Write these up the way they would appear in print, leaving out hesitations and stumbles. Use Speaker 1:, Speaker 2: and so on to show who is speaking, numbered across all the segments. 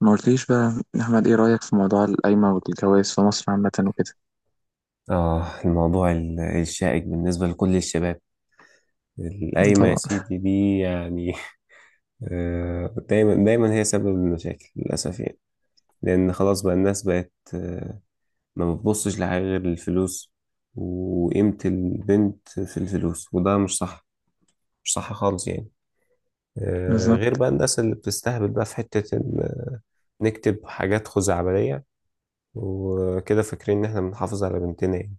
Speaker 1: ما قلتليش بقى يا أحمد، إيه رأيك في موضوع القايمة والجواز في مصر عامة وكده؟
Speaker 2: آه الموضوع الشائك بالنسبة لكل الشباب. القايمة يا
Speaker 1: طبعا.
Speaker 2: سيدي دي يعني. دايما دايما هي سبب المشاكل للأسف يعني. لأن خلاص بقى الناس بقت ما بتبصش لحاجة غير الفلوس، وقيمة البنت في الفلوس، وده مش صح. مش صح خالص يعني. غير
Speaker 1: بالظبط.
Speaker 2: بقى الناس اللي بتستهبل بقى في حتة إن نكتب حاجات خزعبلية وكده، فاكرين إن إحنا بنحافظ على بنتنا يعني.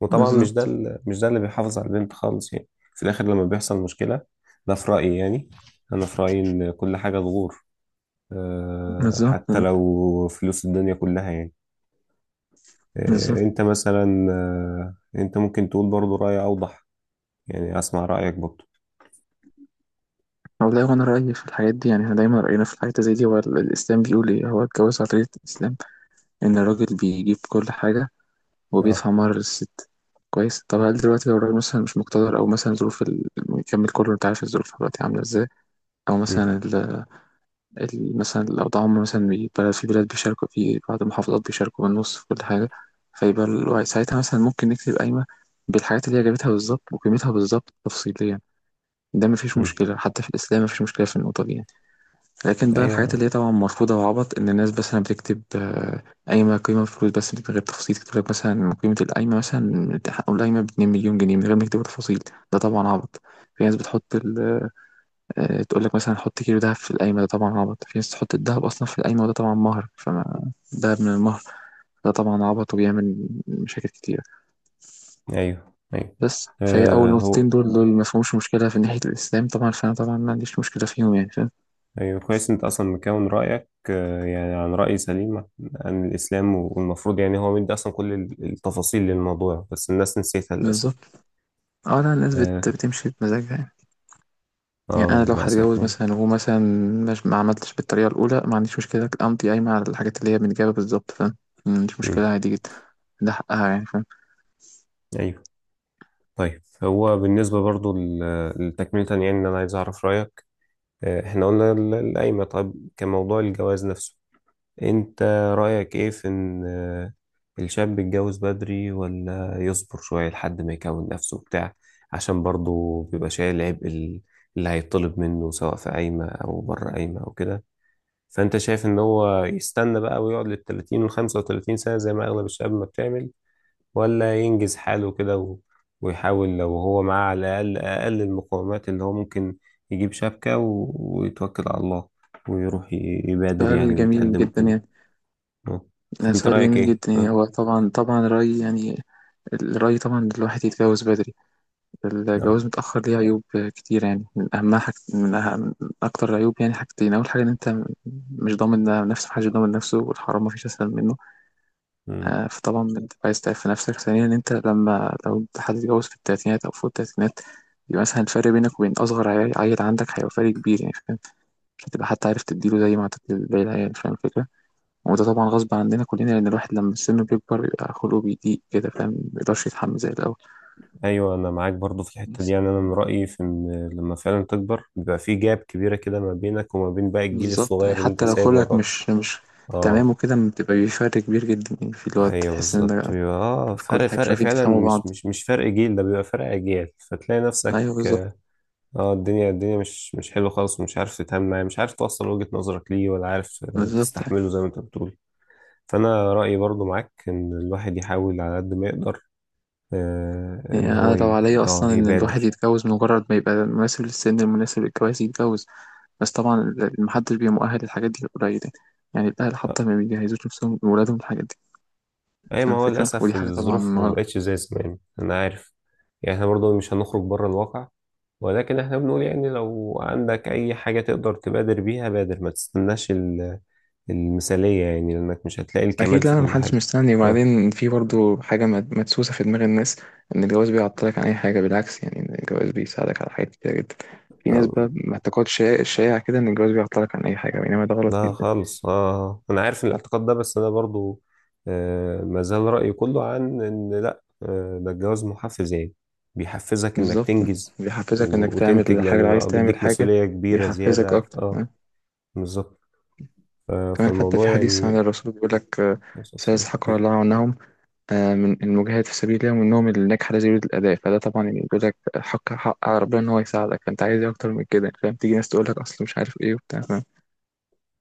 Speaker 2: وطبعا
Speaker 1: بالظبط.
Speaker 2: مش ده اللي بيحافظ على البنت خالص يعني في الاخر لما بيحصل مشكلة. ده في رأيي يعني. انا في رأيي ان كل حاجة تغور،
Speaker 1: بالظبط.
Speaker 2: حتى لو فلوس الدنيا كلها يعني.
Speaker 1: بالظبط.
Speaker 2: انت مثلا، انت ممكن تقول برضو رأي اوضح. يعني اسمع رأيك برضو.
Speaker 1: والله، وأنا رأيي في الحاجات دي يعني إحنا دايما رأينا في الحاجات زي دي هو الإسلام بيقول إيه. هو الجواز على طريقة الإسلام إن الراجل بيجيب كل حاجة
Speaker 2: اه.
Speaker 1: وبيدفع مهر للست. كويس. طب هل دلوقتي لو الراجل مثلا مش مقتدر، أو مثلا ظروف يكمل كله، أنت عارف الظروف دلوقتي عاملة إزاي، أو
Speaker 2: مم.
Speaker 1: مثلا مثلا لو ده عمر، مثلا بيبقى في بلاد بيشاركوا، في بعض المحافظات بيشاركوا بالنص في كل حاجة، فيبقى الوعي ساعتها مثلا ممكن نكتب قايمة بالحاجات اللي هي جابتها بالظبط وقيمتها بالظبط تفصيليا، ده مفيش
Speaker 2: مم.
Speaker 1: مشكلة، حتى في الإسلام مفيش مشكلة في النقطة دي يعني. لكن بقى الحاجات
Speaker 2: ايوه
Speaker 1: اللي هي طبعا مرفوضة وعبط إن الناس مثلا بتكتب قايمة قيمة بفلوس بس من غير تفصيل، تكتب لك مثلا قيمة القايمة مثلا حقوا القايمة بـ2 مليون جنيه من غير ما يكتبوا تفاصيل، ده طبعا عبط. في ناس بتحط ال تقول لك مثلا حط كيلو دهب في القايمة، ده طبعا عبط. في ناس تحط الدهب أصلا في القايمة، وده طبعا مهر فما دهب من المهر، ده طبعا عبط وبيعمل مشاكل كتيرة.
Speaker 2: ايوه ايوه.
Speaker 1: بس فهي أول
Speaker 2: هو
Speaker 1: نقطتين دول ما فيهمش مشكلة في ناحية الإسلام طبعا، فأنا طبعا ما عنديش مشكلة فيهم يعني، فاهم.
Speaker 2: ايوه كويس، انت اصلا مكون رايك يعني عن راي سليم عن الاسلام، والمفروض يعني هو مدي اصلا كل التفاصيل للموضوع، بس الناس نسيتها للاسف.
Speaker 1: بالظبط. اه لا، الناس
Speaker 2: اه.
Speaker 1: بتمشي بمزاجها يعني. يعني أنا لو
Speaker 2: للاسف
Speaker 1: هتجوز
Speaker 2: يعني.
Speaker 1: مثلا، وهو مثلا مش، ما عملتش بالطريقة الأولى، ما عنديش مشكلة أمضي قايمة على الحاجات اللي هي بنجابة بالظبط، فاهم. ما عنديش
Speaker 2: مم.
Speaker 1: مشكلة عادي جدا. ده حقها يعني، فاهم.
Speaker 2: ايوه. طيب هو بالنسبه برضو لتكمله يعني، ان انا عايز اعرف رايك. احنا قلنا القايمه، طيب كموضوع الجواز نفسه، انت رأيك ايه في ان الشاب يتجوز بدري ولا يصبر شوية لحد ما يكون نفسه بتاع؟ عشان برضه بيبقى شايل عبء اللي هيطلب منه سواء في قايمة او بره قايمة او كده. فانت شايف ان هو يستنى بقى ويقعد للتلاتين والخمسة وتلاتين سنة زي ما اغلب الشباب ما بتعمل، ولا ينجز حاله كده ويحاول لو هو معاه على الاقل اقل المقومات اللي هو ممكن، يجيب شبكة ويتوكل على الله، ويروح يبادر
Speaker 1: سؤال
Speaker 2: يعني
Speaker 1: جميل
Speaker 2: ويتقدم
Speaker 1: جدا
Speaker 2: كده؟
Speaker 1: يعني.
Speaker 2: آه.
Speaker 1: ده
Speaker 2: انت
Speaker 1: سؤال
Speaker 2: رأيك
Speaker 1: جميل
Speaker 2: ايه؟
Speaker 1: جدا يعني.
Speaker 2: آه.
Speaker 1: هو طبعا طبعا الرأي يعني، الرأي طبعا إن الواحد يتجوز بدري.
Speaker 2: اه.
Speaker 1: الجواز متأخر ليه عيوب كتير يعني، من أهمها حاجة أهم من أكتر العيوب يعني حاجتين. أول حاجة إن أنت مش ضامن نفسك، محدش ضامن نفسه، والحرام مفيش أسهل منه.
Speaker 2: مم.
Speaker 1: آه فطبعا أنت عايز تعرف نفسك. ثانيا إن أنت لما، لو أنت حد اتجوز في التلاتينات أو فوق التلاتينات، يبقى مثلا الفرق بينك وبين أصغر عيل عندك هيبقى فرق كبير يعني، فاهم. مش هتبقى حتى عارف تديله زي ما هتدي باقي العيال، فاهم الفكرة. وده طبعا غصب عننا كلنا، لأن الواحد لما السن بيكبر بيبقى خلقه بيضيق كده، فاهم، مبيقدرش يتحمل زي الأول.
Speaker 2: ايوه، انا معاك برضو في الحتة دي
Speaker 1: بس.
Speaker 2: يعني. انا من رأيي في ان لما فعلا تكبر بيبقى في جاب كبيرة كده ما بينك وما بين باقي الجيل
Speaker 1: بالظبط يعني.
Speaker 2: الصغير اللي انت
Speaker 1: حتى لو
Speaker 2: سايبه
Speaker 1: خلقك
Speaker 2: وراك.
Speaker 1: مش تمام
Speaker 2: اه.
Speaker 1: وكده بتبقى بفرق كبير جدا يعني، في الوقت
Speaker 2: ايوه
Speaker 1: تحس إن
Speaker 2: بالظبط،
Speaker 1: ده
Speaker 2: بيبقى اه
Speaker 1: في كل
Speaker 2: فرق
Speaker 1: حاجة مش
Speaker 2: فرق
Speaker 1: عارفين
Speaker 2: فعلا،
Speaker 1: تفهموا
Speaker 2: مش
Speaker 1: بعض.
Speaker 2: مش مش فرق جيل، ده بيبقى فرق اجيال، فتلاقي نفسك
Speaker 1: أيوه بالظبط.
Speaker 2: اه. الدنيا مش حلوه خالص، ومش عارف تتعامل معاه، مش عارف توصل وجهة نظرك ليه، ولا عارف
Speaker 1: بالظبط
Speaker 2: تستحمله زي ما انت بتقول. فانا رأيي برضو معاك ان الواحد يحاول على قد ما يقدر،
Speaker 1: يعني
Speaker 2: ان هو
Speaker 1: أنا لو
Speaker 2: ي...
Speaker 1: عليا،
Speaker 2: اه
Speaker 1: أصلا إن الواحد
Speaker 2: يبادر.
Speaker 1: يتجوز مجرد ما يبقى مناسب للسن المناسب للجواز يتجوز. بس طبعا محدش بيبقى مؤهل للحاجات دي، قليل يعني. الأهل حتى
Speaker 2: آه،
Speaker 1: ما بيجهزوش نفسهم لولادهم الحاجات دي.
Speaker 2: اي ما
Speaker 1: فاهم
Speaker 2: هو
Speaker 1: الفكرة، ودي
Speaker 2: للاسف
Speaker 1: حاجة طبعا.
Speaker 2: الظروف ما بقتش زي زمان، انا عارف. يعني احنا برضو مش هنخرج بره الواقع، ولكن احنا بنقول يعني لو عندك اي حاجة تقدر تبادر بيها، بادر. ما تستناش المثالية يعني، لانك مش هتلاقي الكمال
Speaker 1: اكيد. لا
Speaker 2: في
Speaker 1: انا
Speaker 2: كل
Speaker 1: محدش
Speaker 2: حاجة.
Speaker 1: مستني.
Speaker 2: اه.
Speaker 1: وبعدين في برضو حاجه مدسوسه في دماغ الناس ان الجواز بيعطلك عن اي حاجه، بالعكس يعني، إن الجواز بيساعدك على حاجات كتير جدا. في ناس
Speaker 2: آه،
Speaker 1: بقى معتقد شائع شائع كده ان الجواز بيعطلك عن اي حاجه، بينما ده غلط
Speaker 2: لا
Speaker 1: جدا.
Speaker 2: خالص. اه انا عارف إن الاعتقاد ده، بس انا برضو آه ما زال رأيي كله عن ان لا، آه ده الجواز محفز يعني، بيحفزك انك
Speaker 1: بالظبط.
Speaker 2: تنجز
Speaker 1: بيحفزك انك تعمل
Speaker 2: وتنتج،
Speaker 1: الحاجه لو
Speaker 2: لان
Speaker 1: عايز
Speaker 2: بقى
Speaker 1: تعمل
Speaker 2: بيديك
Speaker 1: حاجه.
Speaker 2: مسؤولية كبيرة
Speaker 1: بيحفزك
Speaker 2: زيادة.
Speaker 1: اكتر
Speaker 2: اه
Speaker 1: أه؟
Speaker 2: بالظبط. آه
Speaker 1: كمان حتى في
Speaker 2: فالموضوع
Speaker 1: حديث عن
Speaker 2: يعني.
Speaker 1: الرسول بيقول لك سيزحق الله عنهم من المجاهد في سبيل الله، ومنهم اللي نجح لا يريد الأداء. فده طبعا يعني بيقول لك حق حق على ربنا إن هو يساعدك، فأنت عايز إيه أكتر من كده، فاهم. تيجي ناس تقول لك أصل مش عارف إيه وبتاع، فاهم.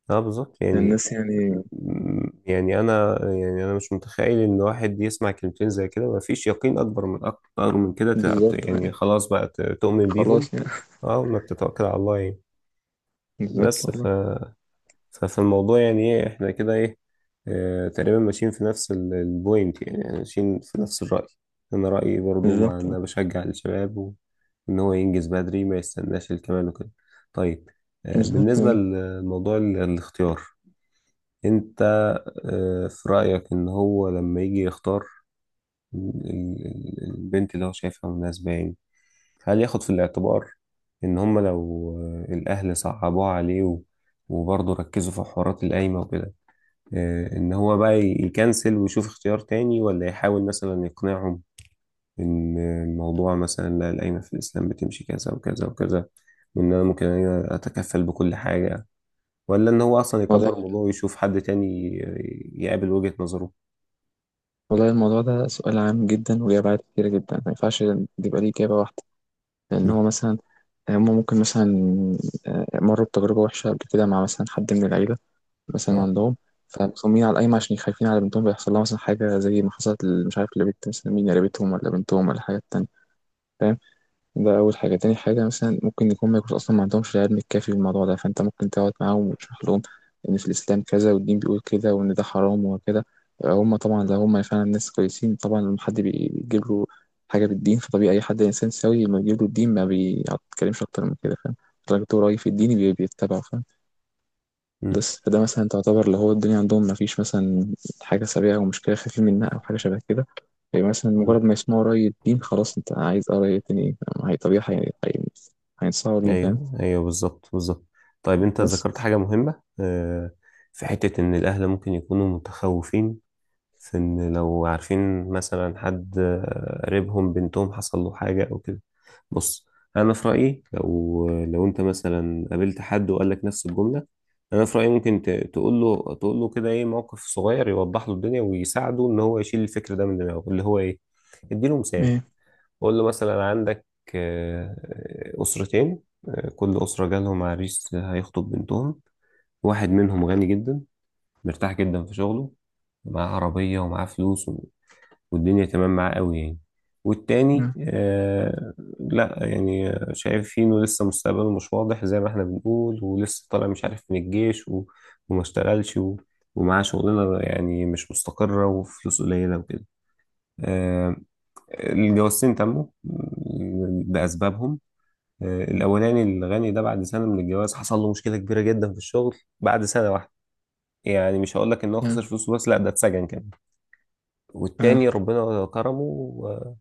Speaker 2: اه بالظبط يعني.
Speaker 1: الناس يعني.
Speaker 2: يعني انا، يعني انا مش متخيل ان واحد يسمع كلمتين زي كده ما فيش يقين اكبر من اكتر من كده.
Speaker 1: بالظبط.
Speaker 2: يعني خلاص بقى تؤمن بيهم.
Speaker 1: خلاص يعني.
Speaker 2: اه، وانك تتوكل على الله يعني.
Speaker 1: بالظبط
Speaker 2: بس ف...
Speaker 1: والله.
Speaker 2: ففي الموضوع يعني، ايه، احنا كده ايه. اه تقريبا ماشيين في نفس البوينت يعني، يعني ماشيين في نفس الرأي. انا رأيي برضو مع ان
Speaker 1: بالظبط.
Speaker 2: انا بشجع الشباب ان هو ينجز بدري، ما يستناش الكمال وكده. طيب. اه
Speaker 1: بالظبط.
Speaker 2: بالنسبة
Speaker 1: آه.
Speaker 2: لموضوع الاختيار، انت اه في رأيك ان هو لما يجي يختار البنت اللي هو شايفها مناسبة يعني، هل ياخد في الاعتبار ان هم لو الاهل صعبوه عليه وبرضه ركزوا في حوارات القايمة وكده، ان هو بقى يكنسل ويشوف اختيار تاني، ولا يحاول مثلا يقنعهم ان الموضوع مثلا، لا، القايمة في الاسلام بتمشي كذا وكذا وكذا، وان انا ممكن أنا اتكفل بكل حاجة، ولا ان هو اصلا
Speaker 1: والله.
Speaker 2: يكبر الموضوع ويشوف حد تاني يقابل وجهة نظره؟
Speaker 1: والله الموضوع ده سؤال عام جدا وليه أبعاد كتيرة جدا، ما ينفعش يبقى ليه إجابة واحدة. لأن
Speaker 2: م.
Speaker 1: هو مثلا هم ممكن مثلا مروا بتجربة وحشة قبل كده مع مثلا حد من العيلة مثلا
Speaker 2: اه.
Speaker 1: عندهم، فمصممين على القايمة عشان خايفين على بنتهم بيحصل لها مثلا حاجة زي ما حصلت مش عارف لبنت مثلا مين، قريبتهم ولا بنتهم ولا حاجة تانية، فاهم. ده أول حاجة. تاني حاجة مثلا ممكن يكون، ما يكونوا أصلا ما عندهمش العلم الكافي بالموضوع ده، فأنت ممكن تقعد معاهم وتشرح لهم إن في الإسلام كذا والدين بيقول كده وإن ده حرام وكده. هم طبعا لو هم فعلا ناس كويسين، طبعا لما حد بيجيب له حاجة بالدين، فطبيعي أي حد إنسان سوي لما بيجيب له الدين ما بيتكلمش أكتر من كده، فاهم. الراجل رأي في الدين بيتبعه، فاهم.
Speaker 2: م.
Speaker 1: بس فده مثلا تعتبر اللي هو الدنيا عندهم ما فيش مثلا حاجة سريعة أو مشكلة خفيفة منها أو حاجة شبه كده. يعني مثلا
Speaker 2: م.
Speaker 1: مجرد ما يسمعوا رأي الدين خلاص، أنت عايز آه رأي الدين إيه. هي طبيعي هينصحوا ليه، فاهم.
Speaker 2: ايوه ايوه بالظبط بالظبط. طيب انت ذكرت
Speaker 1: بس
Speaker 2: حاجه مهمه، في حته ان الاهل ممكن يكونوا متخوفين في ان لو عارفين مثلا حد قريبهم بنتهم حصل له حاجه او كده. بص، انا في رايي لو انت مثلا قابلت حد وقال لك نفس الجمله، انا في رايي ممكن تقول له كده ايه موقف صغير يوضح له الدنيا ويساعده ان هو يشيل الفكر ده من دماغه اللي هو ايه. اديله مثال.
Speaker 1: إيه.
Speaker 2: قول له مثلا: عندك آه، أسرتين، كل أسرة جالهم عريس هيخطب بنتهم. واحد منهم غني جدا، مرتاح جدا في شغله، معاه عربية ومعاه فلوس والدنيا تمام معاه قوي يعني. والتاني
Speaker 1: آه.
Speaker 2: آه لا يعني، شايف فيه إنه لسه مستقبله مش واضح زي ما إحنا بنقول، ولسه طالع مش عارف من الجيش وما اشتغلش ومعاه شغلانة يعني مش مستقرة وفلوس قليلة وكده. آه، الجوازتين تموا لأسبابهم. الأولاني الغني ده بعد سنة من الجواز حصل له مشكلة كبيرة جدا في الشغل بعد سنة واحدة. يعني مش هقول لك إن هو
Speaker 1: آه.
Speaker 2: خسر فلوسه، بس لا ده اتسجن كمان.
Speaker 1: آه.
Speaker 2: والتاني ربنا كرمه و-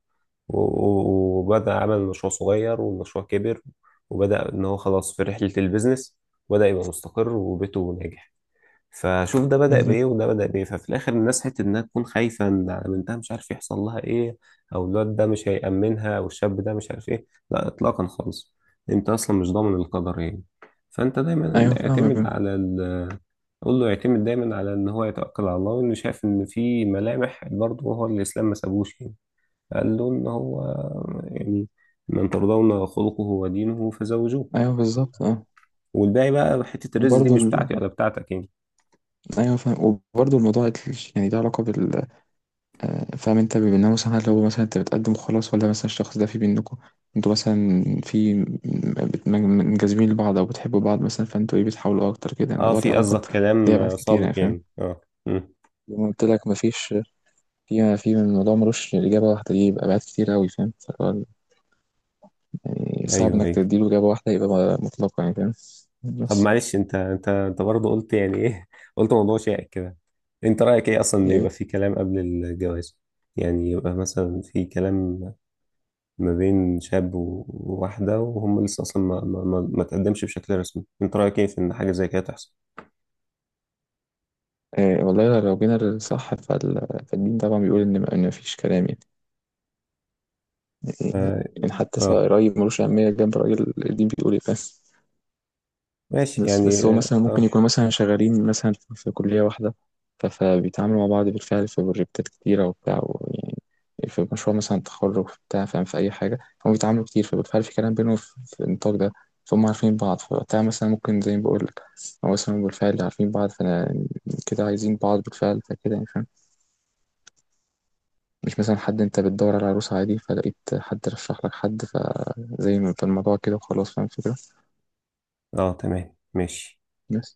Speaker 2: و- وبدأ عمل مشروع صغير، والمشروع كبر، وبدأ إن هو خلاص في رحلة البيزنس، وبدأ يبقى مستقر وبيته ناجح. فشوف ده بدأ
Speaker 1: بالظبط.
Speaker 2: بإيه وده بدأ بإيه. ففي الآخر الناس حتة إنها تكون خايفة إن على بنتها مش عارف يحصل لها إيه، أو الواد ده مش هيأمنها، أو الشاب ده مش عارف إيه، لا إطلاقا خالص. أنت أصلا مش ضامن القدر يعني. فأنت دايما
Speaker 1: أيوه
Speaker 2: اعتمد
Speaker 1: فاهمك.
Speaker 2: على ال قول له يعتمد دايما على إن هو يتوكل على الله، وإنه شايف إن في ملامح برضه. هو الإسلام ما سابوش يعني، قال له إن هو يعني: من ترضون خلقه ودينه فزوجوه.
Speaker 1: أيوه بالظبط أه.
Speaker 2: والباقي بقى حتة الرزق دي
Speaker 1: وبرضه
Speaker 2: مش
Speaker 1: ال...
Speaker 2: بتاعتي ولا بتاعتك يعني.
Speaker 1: أيوه فاهم. وبرضه الموضوع يعني له علاقة بال فاهم انت، بيبقى إنها مثلا هل هو مثلا، انت بتقدم خلاص ولا مثلا الشخص ده في بينكم انتوا مثلا في منجذبين لبعض او بتحبوا بعض مثلا، فانتوا ايه بتحاولوا اكتر كده.
Speaker 2: اه
Speaker 1: الموضوع ده
Speaker 2: في
Speaker 1: علاقات
Speaker 2: قصدك
Speaker 1: ليها
Speaker 2: كلام
Speaker 1: ابعاد كتير يعني،
Speaker 2: سابق
Speaker 1: فاهم.
Speaker 2: يعني. اه. مم.
Speaker 1: زي ما قلت لك، مفيش في الموضوع ملوش اجابه واحده دي، يبقى ابعاد كتير قوي، فاهم. فهو يعني صعب
Speaker 2: ايوه
Speaker 1: انك
Speaker 2: ايوه.
Speaker 1: تديله اجابه واحده يبقى مطلقه يعني، فاهم.
Speaker 2: طب
Speaker 1: بس
Speaker 2: معلش، انت برضه قلت يعني ايه قلت موضوع شائك كده. انت رايك ايه اصلا ان يبقى
Speaker 1: ايه؟
Speaker 2: في كلام قبل الجواز؟ يعني يبقى مثلا في كلام ما بين شاب وواحده، وهم لسه اصلا ما تقدمش بشكل رسمي. انت رايك ايه في ان حاجه زي كده تحصل؟
Speaker 1: إيه، والله لو جينا للصح فالدين طبعا بيقول ان، إن مفيش كلام يعني.
Speaker 2: اه.
Speaker 1: يعني حتى سواء
Speaker 2: آه.
Speaker 1: رأي ملوش أهمية جنب رأي الدين. بيقول إيه، فاهم.
Speaker 2: ماشي
Speaker 1: بس
Speaker 2: يعني.
Speaker 1: بس هو
Speaker 2: اه.
Speaker 1: مثلا ممكن
Speaker 2: اه.
Speaker 1: يكونوا مثلا شغالين مثلا في كلية واحدة، فبيتعاملوا مع بعض بالفعل في بروجكتات كتيرة وبتاع، يعني في مشروع مثلا تخرج في بتاع، فاهم، في أي حاجة، فهم بيتعاملوا كتير فبالفعل في كلام بينهم في النطاق ده. فهم عارفين بعض، فوقتها مثلا ممكن زي ما بقول لك هو مثلا بالفعل عارفين بعض، فأنا كده عايزين بعض بالفعل، فكده يعني، فاهم. مش مثلا حد انت بتدور على عروسة عادي فلقيت حد رشح لك حد فزي ما، فالموضوع كده وخلاص، فاهم الفكرة.
Speaker 2: آه. تمام ماشي.
Speaker 1: بس